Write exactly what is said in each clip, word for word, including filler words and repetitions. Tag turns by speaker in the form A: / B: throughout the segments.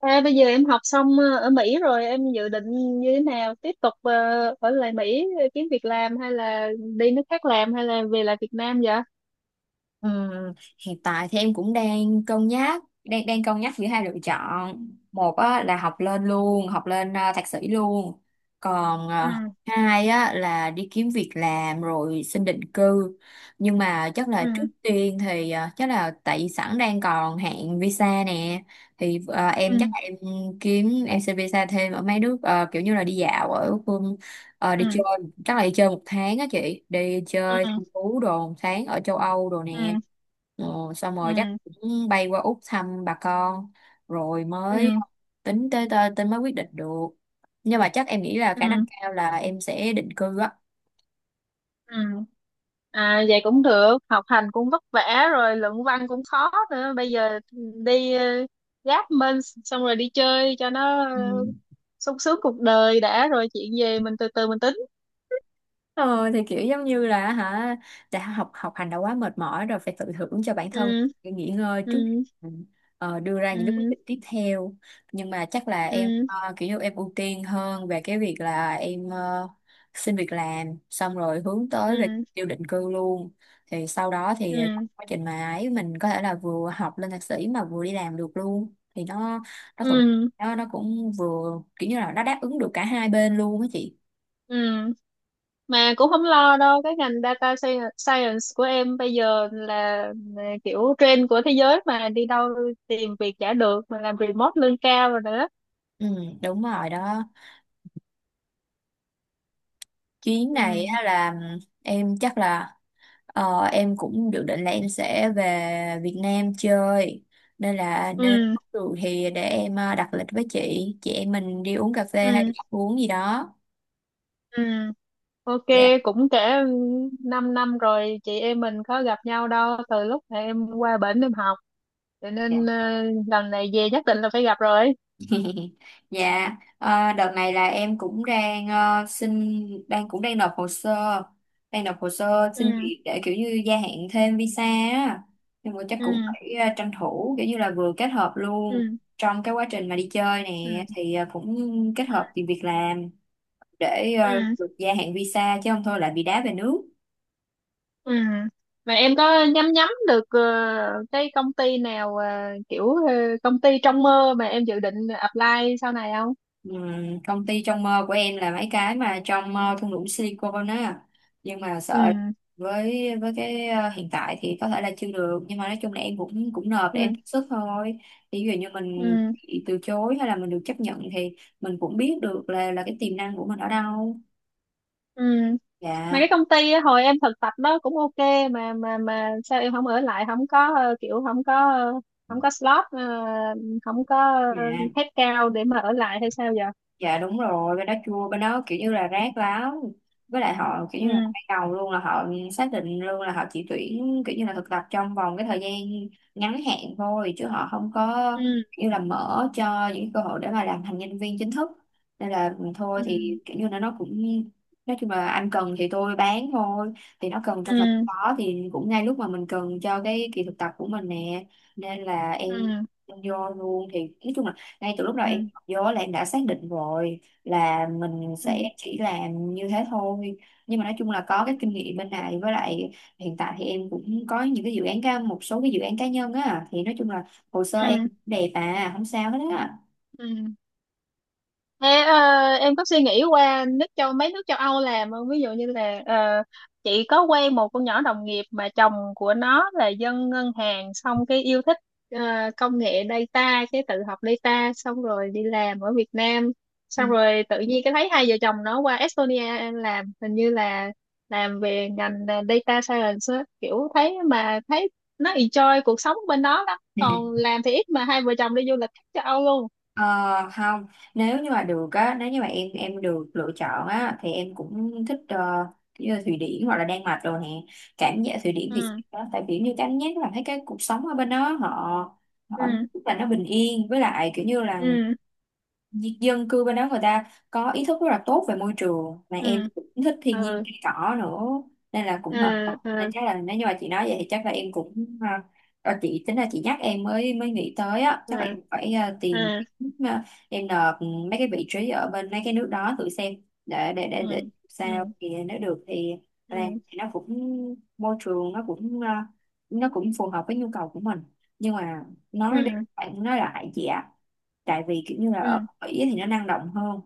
A: À, bây giờ em học xong ờ, ở Mỹ rồi em dự định như thế nào tiếp tục ờ, ở lại Mỹ ờ, kiếm việc làm hay là đi nước khác làm hay là về lại Việt Nam vậy?
B: Ừm, hiện tại thì em cũng đang cân nhắc đang đang cân nhắc giữa hai lựa chọn, một á, là học lên luôn học lên à, thạc sĩ luôn, còn
A: Ừ,
B: à, hai á, là đi kiếm việc làm rồi xin định cư. Nhưng mà chắc là
A: ừ,
B: trước tiên thì à, chắc là tại vì sẵn đang còn hạn visa nè, thì à,
A: ừ,
B: em chắc là em kiếm em xin visa thêm ở mấy nước, à, kiểu như là đi dạo ở phương à, đi
A: ừ,
B: chơi. Chắc là đi chơi một tháng á chị, đi chơi
A: ừ,
B: thăm thú đồ một tháng ở châu Âu đồ nè,
A: ừ,
B: ờ, xong rồi chắc
A: ừ,
B: cũng bay qua Úc thăm bà con, rồi
A: ừ,
B: mới tính tới tới, tới mới quyết định được. Nhưng mà chắc em nghĩ là khả năng
A: ừ,
B: cao là em sẽ định cư á.
A: ừ. À vậy cũng được, học hành cũng vất vả rồi luận văn cũng khó nữa. Bây giờ đi ờ, gáp minh xong rồi đi chơi cho nó ờ,
B: Ừ.
A: sung sướng cuộc đời đã rồi chuyện về mình từ từ mình tính.
B: Ờ thì kiểu giống như là hả, đã học học hành đã quá mệt mỏi rồi phải tự thưởng cho bản thân
A: Ừ,
B: nghỉ ngơi trước
A: ừ,
B: để ờ, đưa ra những cái quyết
A: ừ,
B: định tiếp theo. Nhưng mà chắc là em
A: ừ,
B: ờ, kiểu như em ưu tiên hơn về cái việc là em ờ, xin việc làm xong rồi hướng
A: ừ,
B: tới về
A: ừ.
B: tiêu định cư luôn, thì sau đó thì trong
A: Ừ,
B: quá trình mà ấy mình có thể là vừa học lên thạc sĩ mà vừa đi làm được luôn thì nó nó thuận,
A: ừ,
B: nó nó cũng vừa kiểu như là nó đáp ứng được cả hai bên luôn á chị.
A: ừ mà cũng không lo đâu cái ngành data sci- science của em bây giờ là là kiểu trend của thế giới mà đi đâu tìm việc chả được mà làm remote lương cao rồi nữa.
B: Ừ, đúng rồi đó. Chuyến này
A: Ừ,
B: á là em chắc là ờ, em cũng dự định là em sẽ về Việt Nam chơi, nên là nếu
A: ừ,
B: có được thì để em ờ, đặt lịch với chị chị em mình đi uống cà phê hay đi
A: ừ,
B: ăn uống gì đó.
A: ừ, ok
B: Dạ.
A: cũng kể 5 năm rồi chị em mình có gặp nhau đâu từ lúc mà em qua bển em học cho nên ờ, lần này về nhất định là phải gặp rồi.
B: Dạ, ờ, đợt này là em cũng đang ờ, xin đang cũng đang nộp hồ sơ, đang nộp hồ sơ
A: Ừ,
B: xin việc để kiểu như gia hạn thêm visa á. Nhưng mà chắc
A: ừ,
B: cũng phải ờ, tranh thủ kiểu như là vừa kết hợp luôn
A: ừ,
B: trong cái quá trình mà đi chơi
A: ừ,
B: nè thì ờ, cũng kết
A: ừ,
B: hợp tìm việc làm để ờ,
A: ừ.
B: được gia hạn visa chứ không thôi lại bị đá về nước.
A: Ừ. Mà em có nhắm nhắm được ờ, cái công ty nào ờ, kiểu ờ, công ty trong mơ mà em dự định apply sau này không?
B: Ừm, công ty trong mơ của em là mấy cái mà trong ờ, thung lũng Silicon á, nhưng mà
A: Ừ.
B: sợ với với cái ờ, hiện tại thì có thể là chưa được, nhưng mà nói chung là em cũng cũng nộp để em
A: Ừ.
B: thử sức thôi. Thì ví dụ như mình
A: Ừ.
B: bị từ chối hay là mình được chấp nhận thì mình cũng biết được là là cái tiềm năng của mình ở đâu.
A: Ừ. Mà
B: Dạ.
A: cái công ty á, hồi em thực tập đó cũng ok mà mà mà sao em không ở lại không có ờ, kiểu không có ờ, không có slot ờ, không có ờ,
B: Dạ.
A: headcount để mà ở lại hay sao giờ?
B: Dạ, đúng rồi. Bên đó chua, bên đó kiểu như là rác lắm, với lại họ kiểu như là
A: Ừ.
B: ban đầu luôn là họ xác định luôn là họ chỉ tuyển kiểu như là thực tập trong vòng cái thời gian ngắn hạn thôi chứ họ không có
A: Ừ.
B: kiểu như là mở cho những cơ hội để mà làm thành nhân viên chính thức. Nên là ừ, thôi
A: Ừ.
B: thì kiểu như là nó cũng nói chung là anh cần thì tôi bán thôi, thì nó cần trong phải
A: Ừ.
B: có thì cũng ngay lúc mà mình cần cho cái kỳ thực tập của mình nè, nên là em
A: Ừ.
B: em vô luôn thì nói chung là ngay từ lúc đầu
A: Ừ.
B: vô là em đã xác định rồi là mình
A: Ừ. Ừ.
B: sẽ chỉ làm như thế thôi. Nhưng mà nói chung là có cái kinh nghiệm bên này, với lại hiện tại thì em cũng có những cái dự án cá một số cái dự án cá nhân á, thì nói chung là hồ sơ em
A: Ừ.
B: đẹp à không sao hết á.
A: Ừ. Thế, ờ, em có suy nghĩ qua nước châu mấy nước châu Âu làm không? Ví dụ như là ờ, chị có quen một con nhỏ đồng nghiệp mà chồng của nó là dân ngân hàng xong cái yêu thích ờ, công nghệ data cái tự học data xong rồi đi làm ở Việt Nam
B: Ừ.
A: xong rồi tự nhiên cái thấy hai vợ chồng nó qua Estonia làm hình như là làm về ngành ờ, data science á. Kiểu thấy mà thấy nó enjoy cuộc sống bên đó lắm còn làm thì ít mà hai vợ chồng đi du lịch khắp châu Âu luôn.
B: Ờ, không, nếu như mà được á, nếu như mà em em được lựa chọn á thì em cũng thích ờ, như là Thụy Điển hoặc là Đan Mạch rồi nè. Cảm giác Thụy Điển thì
A: Ừ,
B: đó, tại kiểu như cảm giác là thấy cái cuộc sống ở bên đó họ họ
A: ừ,
B: rất là nó bình yên, với lại kiểu như là
A: ừ,
B: dân cư bên đó người ta có ý thức rất là tốt về môi trường mà
A: ừ,
B: em cũng thích thiên nhiên
A: ừ,
B: cây cỏ nữa, nên là
A: ừ,
B: cũng hợp hợp. Nên
A: ừ,
B: chắc là nếu như mà chị nói vậy thì chắc là em cũng à, ờ, chị tính là chị nhắc em mới mới nghĩ tới á, chắc là
A: ừ,
B: em phải à, tìm,
A: ừ,
B: à, em nộp mấy cái vị trí ở bên mấy cái nước đó thử xem, để để
A: ừ,
B: để, để
A: ừ,
B: sao thì nếu được thì là
A: ừ,
B: thì nó cũng môi trường nó cũng à, nó cũng phù hợp với nhu cầu của mình. Nhưng mà nói đi
A: ừ,
B: phải nói lại chị ạ, tại vì kiểu như là
A: ừ,
B: ở Ý thì nó năng động hơn,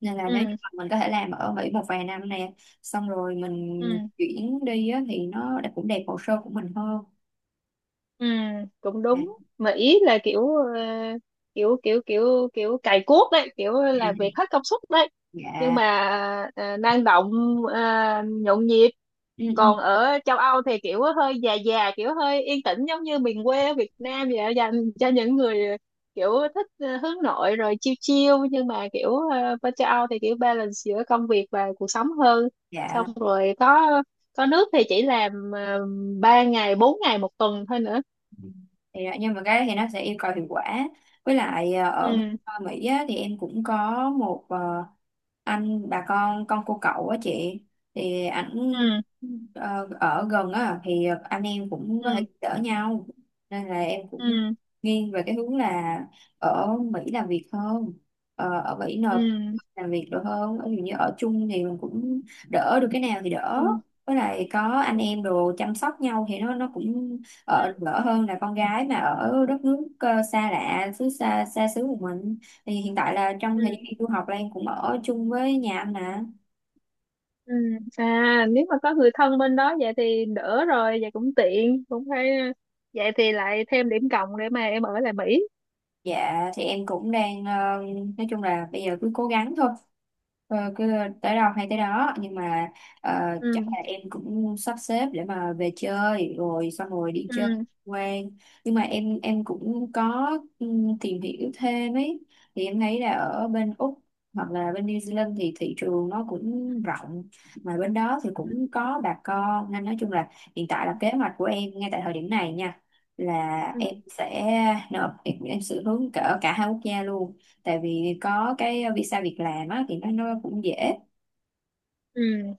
B: nên là nếu như
A: ừ,
B: mà mình có thể làm ở Mỹ một vài năm nè xong rồi
A: ừ,
B: mình chuyển đi á, thì nó đã- cũng đẹp hồ sơ của mình hơn.
A: ừ, cũng
B: Dạ.
A: đúng mà ý là kiểu ờ, kiểu kiểu kiểu kiểu cày cuốc đấy kiểu làm việc hết công suất đấy nhưng
B: Dạ.
A: mà ờ, năng động ờ, nhộn nhịp
B: Ừ, ừ.
A: còn ở châu Âu thì kiểu hơi già già kiểu hơi yên tĩnh giống như miền quê ở Việt Nam vậy dành cho những người kiểu thích ờ, hướng nội rồi chill chill nhưng mà kiểu ờ, bên châu Âu thì kiểu balance giữa công việc và cuộc sống hơn xong
B: Dạ
A: rồi có có nước thì chỉ làm uh, ba ngày bốn ngày một tuần thôi nữa.
B: thì à, nhưng mà cái đó thì nó sẽ yêu cầu hiệu quả, với lại à, ở bên
A: Ừ,
B: à, Mỹ á, thì em cũng có một à, anh bà con con cô cậu á chị, thì ảnh
A: ừ,
B: ờ, ở gần á thì anh em cũng có thể
A: ừ,
B: đỡ nhau, nên là em cũng
A: ừ,
B: nghiêng về cái hướng là ở Mỹ làm việc hơn. Ờ, ở Mỹ
A: ừ,
B: nộp
A: ừ,
B: làm việc được hơn, ví dụ như ở chung thì mình cũng đỡ được cái nào thì đỡ,
A: ừ,
B: với lại có anh em đồ chăm sóc nhau thì nó nó cũng
A: ừ,
B: ờ, đỡ hơn là con gái mà ở đất nước ờ, xa lạ xứ xa xa xứ của mình, thì hiện tại là trong thời
A: ừ.
B: gian đi du học là em cũng ở chung với nhà anh nè.
A: Ừ. À nếu mà có người thân bên đó vậy thì đỡ rồi vậy cũng tiện cũng phải vậy thì lại thêm điểm cộng để mà em ở lại Mỹ.
B: Dạ thì em cũng đang ờ, nói chung là bây giờ cứ cố gắng thôi. Ờ, cứ tới đâu hay tới đó, nhưng mà ờ, chắc
A: Ừ,
B: là em cũng sắp xếp để mà về chơi rồi xong rồi đi chơi
A: ừ,
B: quen. Nhưng mà em em cũng có ừm, tìm hiểu thêm ấy thì em thấy là ở bên Úc hoặc là bên New Zealand thì thị trường nó cũng rộng, mà bên đó thì
A: ừ,
B: cũng có bà con, nên nói chung là hiện tại là kế hoạch của em ngay tại thời điểm này nha là
A: ừ,
B: em sẽ nộp em, em sẽ hướng cỡ cả hai quốc gia luôn, tại vì có cái visa việc làm á thì nó nó cũng dễ.
A: ừ.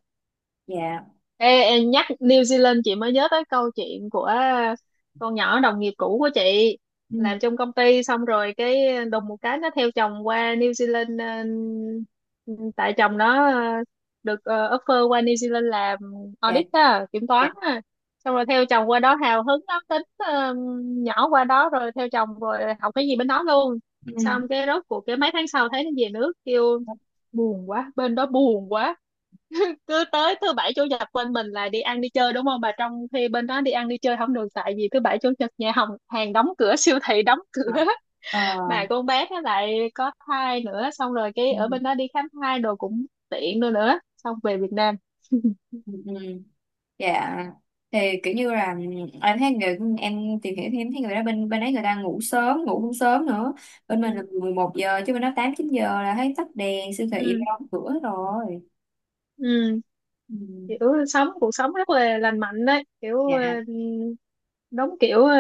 B: Dạ.
A: Ê, ê, nhắc New Zealand chị mới nhớ tới câu chuyện của con nhỏ đồng nghiệp cũ của chị
B: Ừ.
A: làm trong công ty xong rồi cái đùng một cái nó theo chồng qua New Zealand, ờ, tại chồng nó ờ, được ờ, offer qua New Zealand làm
B: Dạ.
A: audit á, kiểm
B: Dạ.
A: toán á. Xong rồi theo chồng qua đó hào hứng lắm tính ờ, nhỏ qua đó rồi theo chồng rồi học cái gì bên đó luôn
B: Ừ.
A: xong cái rốt cuộc cái mấy tháng sau thấy nó về nước kêu buồn quá bên đó buồn quá cứ tới thứ bảy chủ nhật bên mình là đi ăn đi chơi đúng không bà trong khi bên đó đi ăn đi chơi không được tại vì thứ bảy chủ nhật nhà hàng hàng đóng cửa siêu thị đóng cửa
B: Ờ, ờ,
A: mà con bé nó lại có thai nữa xong rồi cái
B: ừ,
A: ở bên đó đi khám thai đồ cũng tiện nữa nữa xong về Việt Nam.
B: ừ, ừ. Dạ thì kiểu như là ừ, em thấy người em tìm hiểu thì em thấy người đó bên bên ấy người ta ngủ sớm, ngủ cũng sớm nữa, bên
A: Ừ,
B: mình là mười một giờ chứ bên đó tám chín giờ là thấy tắt đèn siêu thị
A: ừ,
B: đóng cửa hết rồi.
A: ừ
B: Ừ.
A: kiểu sống cuộc sống rất là lành mạnh đấy kiểu ờ,
B: Dạ.
A: đúng kiểu ờ,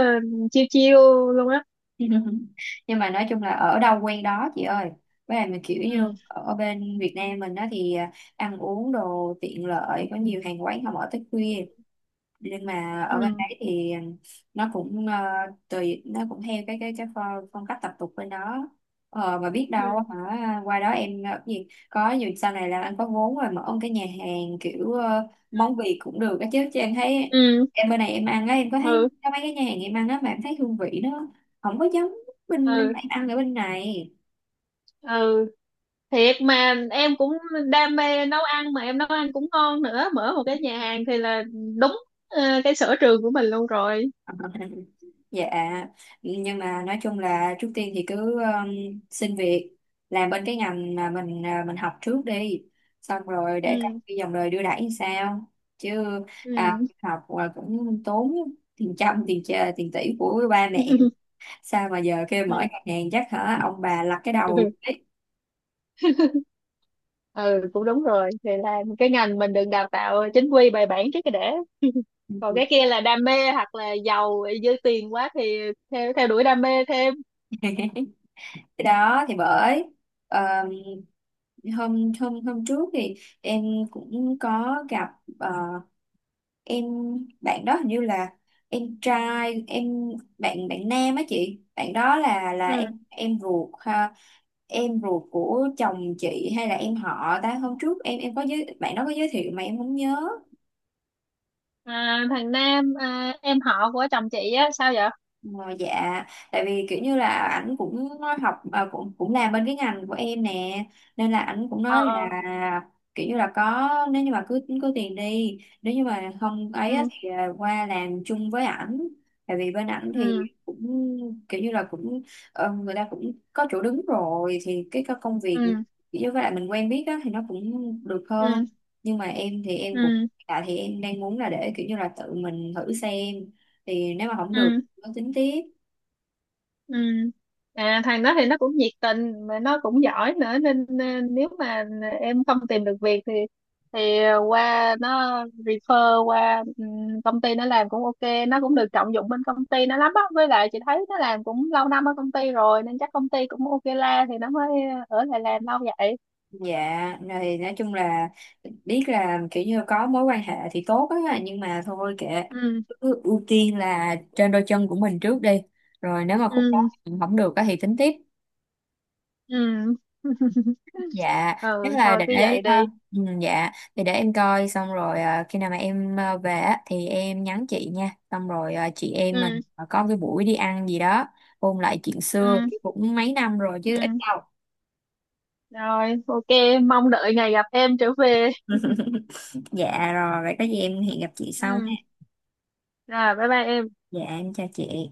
A: chiêu chiêu luôn á.
B: Nhưng mà nói chung là ở đâu quen đó chị ơi, với lại mình kiểu như
A: Ừ,
B: ở bên Việt Nam mình đó thì à, ăn uống đồ tiện lợi có nhiều hàng quán không, ở tới khuya, nhưng mà ở bên
A: ừ,
B: đấy thì nó cũng ờ, tùy nó cũng theo cái cái cái phong, phong cách tập tục bên đó. ờ, mà biết đâu
A: ừ,
B: hả, qua đó em ờ, cái gì có dù sau này là anh có vốn rồi mở ông cái nhà hàng kiểu ờ, món Việt cũng được á, chứ chứ em thấy
A: ừ,
B: em bên này em ăn á, em có thấy có mấy cái nhà hàng em ăn á mà em thấy hương vị nó không có giống bên em
A: ừ,
B: ăn ở bên này.
A: ừ thiệt mà em cũng đam mê nấu ăn mà em nấu ăn cũng ngon nữa mở một cái nhà hàng thì là đúng ờ, cái sở trường của mình luôn rồi.
B: Dạ, nhưng mà nói chung là trước tiên thì cứ um, xin việc làm bên cái ngành mà mình à, mình học trước đi, xong rồi để coi
A: Ừ,
B: cái dòng đời đưa đẩy như sao. Chứ à,
A: ừ,
B: học là cũng tốn tiền trăm tiền chè, tiền tỷ của ba mẹ. Sao mà giờ kêu
A: ừ,
B: mở ngân hàng chắc hả ông bà lắc cái đầu đấy.
A: ừ cũng đúng rồi thì là cái ngành mình đừng đào tạo chính quy bài bản trước cái để còn cái kia là đam mê hoặc là giàu dư tiền quá thì theo theo đuổi đam mê thêm.
B: Cái đó thì bởi um, hôm hôm hôm trước thì em cũng có gặp ờ, em bạn đó hình như là em trai em, bạn bạn nam á chị, bạn đó là là
A: Ừ,
B: em em ruột ha, em ruột của chồng chị hay là em họ ta. Hôm trước em em có giới bạn đó có giới thiệu mà em không nhớ.
A: à, thằng Nam à, em họ của chồng chị á sao vậy?
B: Ờ, dạ, tại vì kiểu như là ảnh cũng học à, cũng cũng làm bên cái ngành của em nè, nên là ảnh cũng
A: Ờ,
B: nói là
A: ờ,
B: kiểu như là có, nếu như mà cứ cứ tiền đi, nếu như mà không ấy á
A: ừ,
B: thì à, qua làm chung với ảnh, tại vì bên ảnh thì
A: ừ,
B: cũng kiểu như là cũng ờ, người ta cũng có chỗ đứng rồi thì cái co- công việc
A: ừ,
B: kiểu như với lại mình quen biết á thì nó cũng được
A: ừ,
B: hơn. Nhưng mà em thì em cũng,
A: ừ,
B: tại thì em đang muốn là để kiểu như là tự mình thử xem, thì nếu mà không được
A: ừ.
B: có tính tiếp.
A: Ừ. À, thằng đó thì nó cũng nhiệt tình mà nó cũng giỏi nữa nên, nên nếu mà em không tìm được việc thì thì qua nó refer qua ừm, công ty nó làm cũng ok, nó cũng được trọng dụng bên công ty nó lắm á với lại chị thấy nó làm cũng lâu năm ở công ty rồi nên chắc công ty cũng ok la thì nó mới ở lại làm lâu vậy.
B: Dạ này nói chung là biết là kiểu như có mối quan hệ thì tốt á nhưng mà thôi kệ,
A: Ừ,
B: cứ ưu tiên là trên đôi chân của mình trước đi, rồi nếu mà khúc
A: ừ,
B: đó không được á thì tính tiếp.
A: ừ,
B: Dạ
A: ừ
B: chắc là
A: thôi
B: để
A: cứ vậy
B: ờ,
A: đi.
B: ừ, dạ thì để em coi xong rồi ờ, khi nào mà em ờ, về á thì em nhắn chị nha, xong rồi ờ, chị em
A: Ừ,
B: mình ờ, có cái buổi đi ăn gì đó, ôn lại chuyện xưa
A: ừ,
B: cũng mấy năm rồi chứ ít
A: ừ
B: đâu.
A: rồi ok mong đợi ngày gặp em trở về.
B: Dạ rồi vậy có gì em hẹn gặp chị sau.
A: Ừ. Rồi, bye bye em.
B: Dạ em chào chị.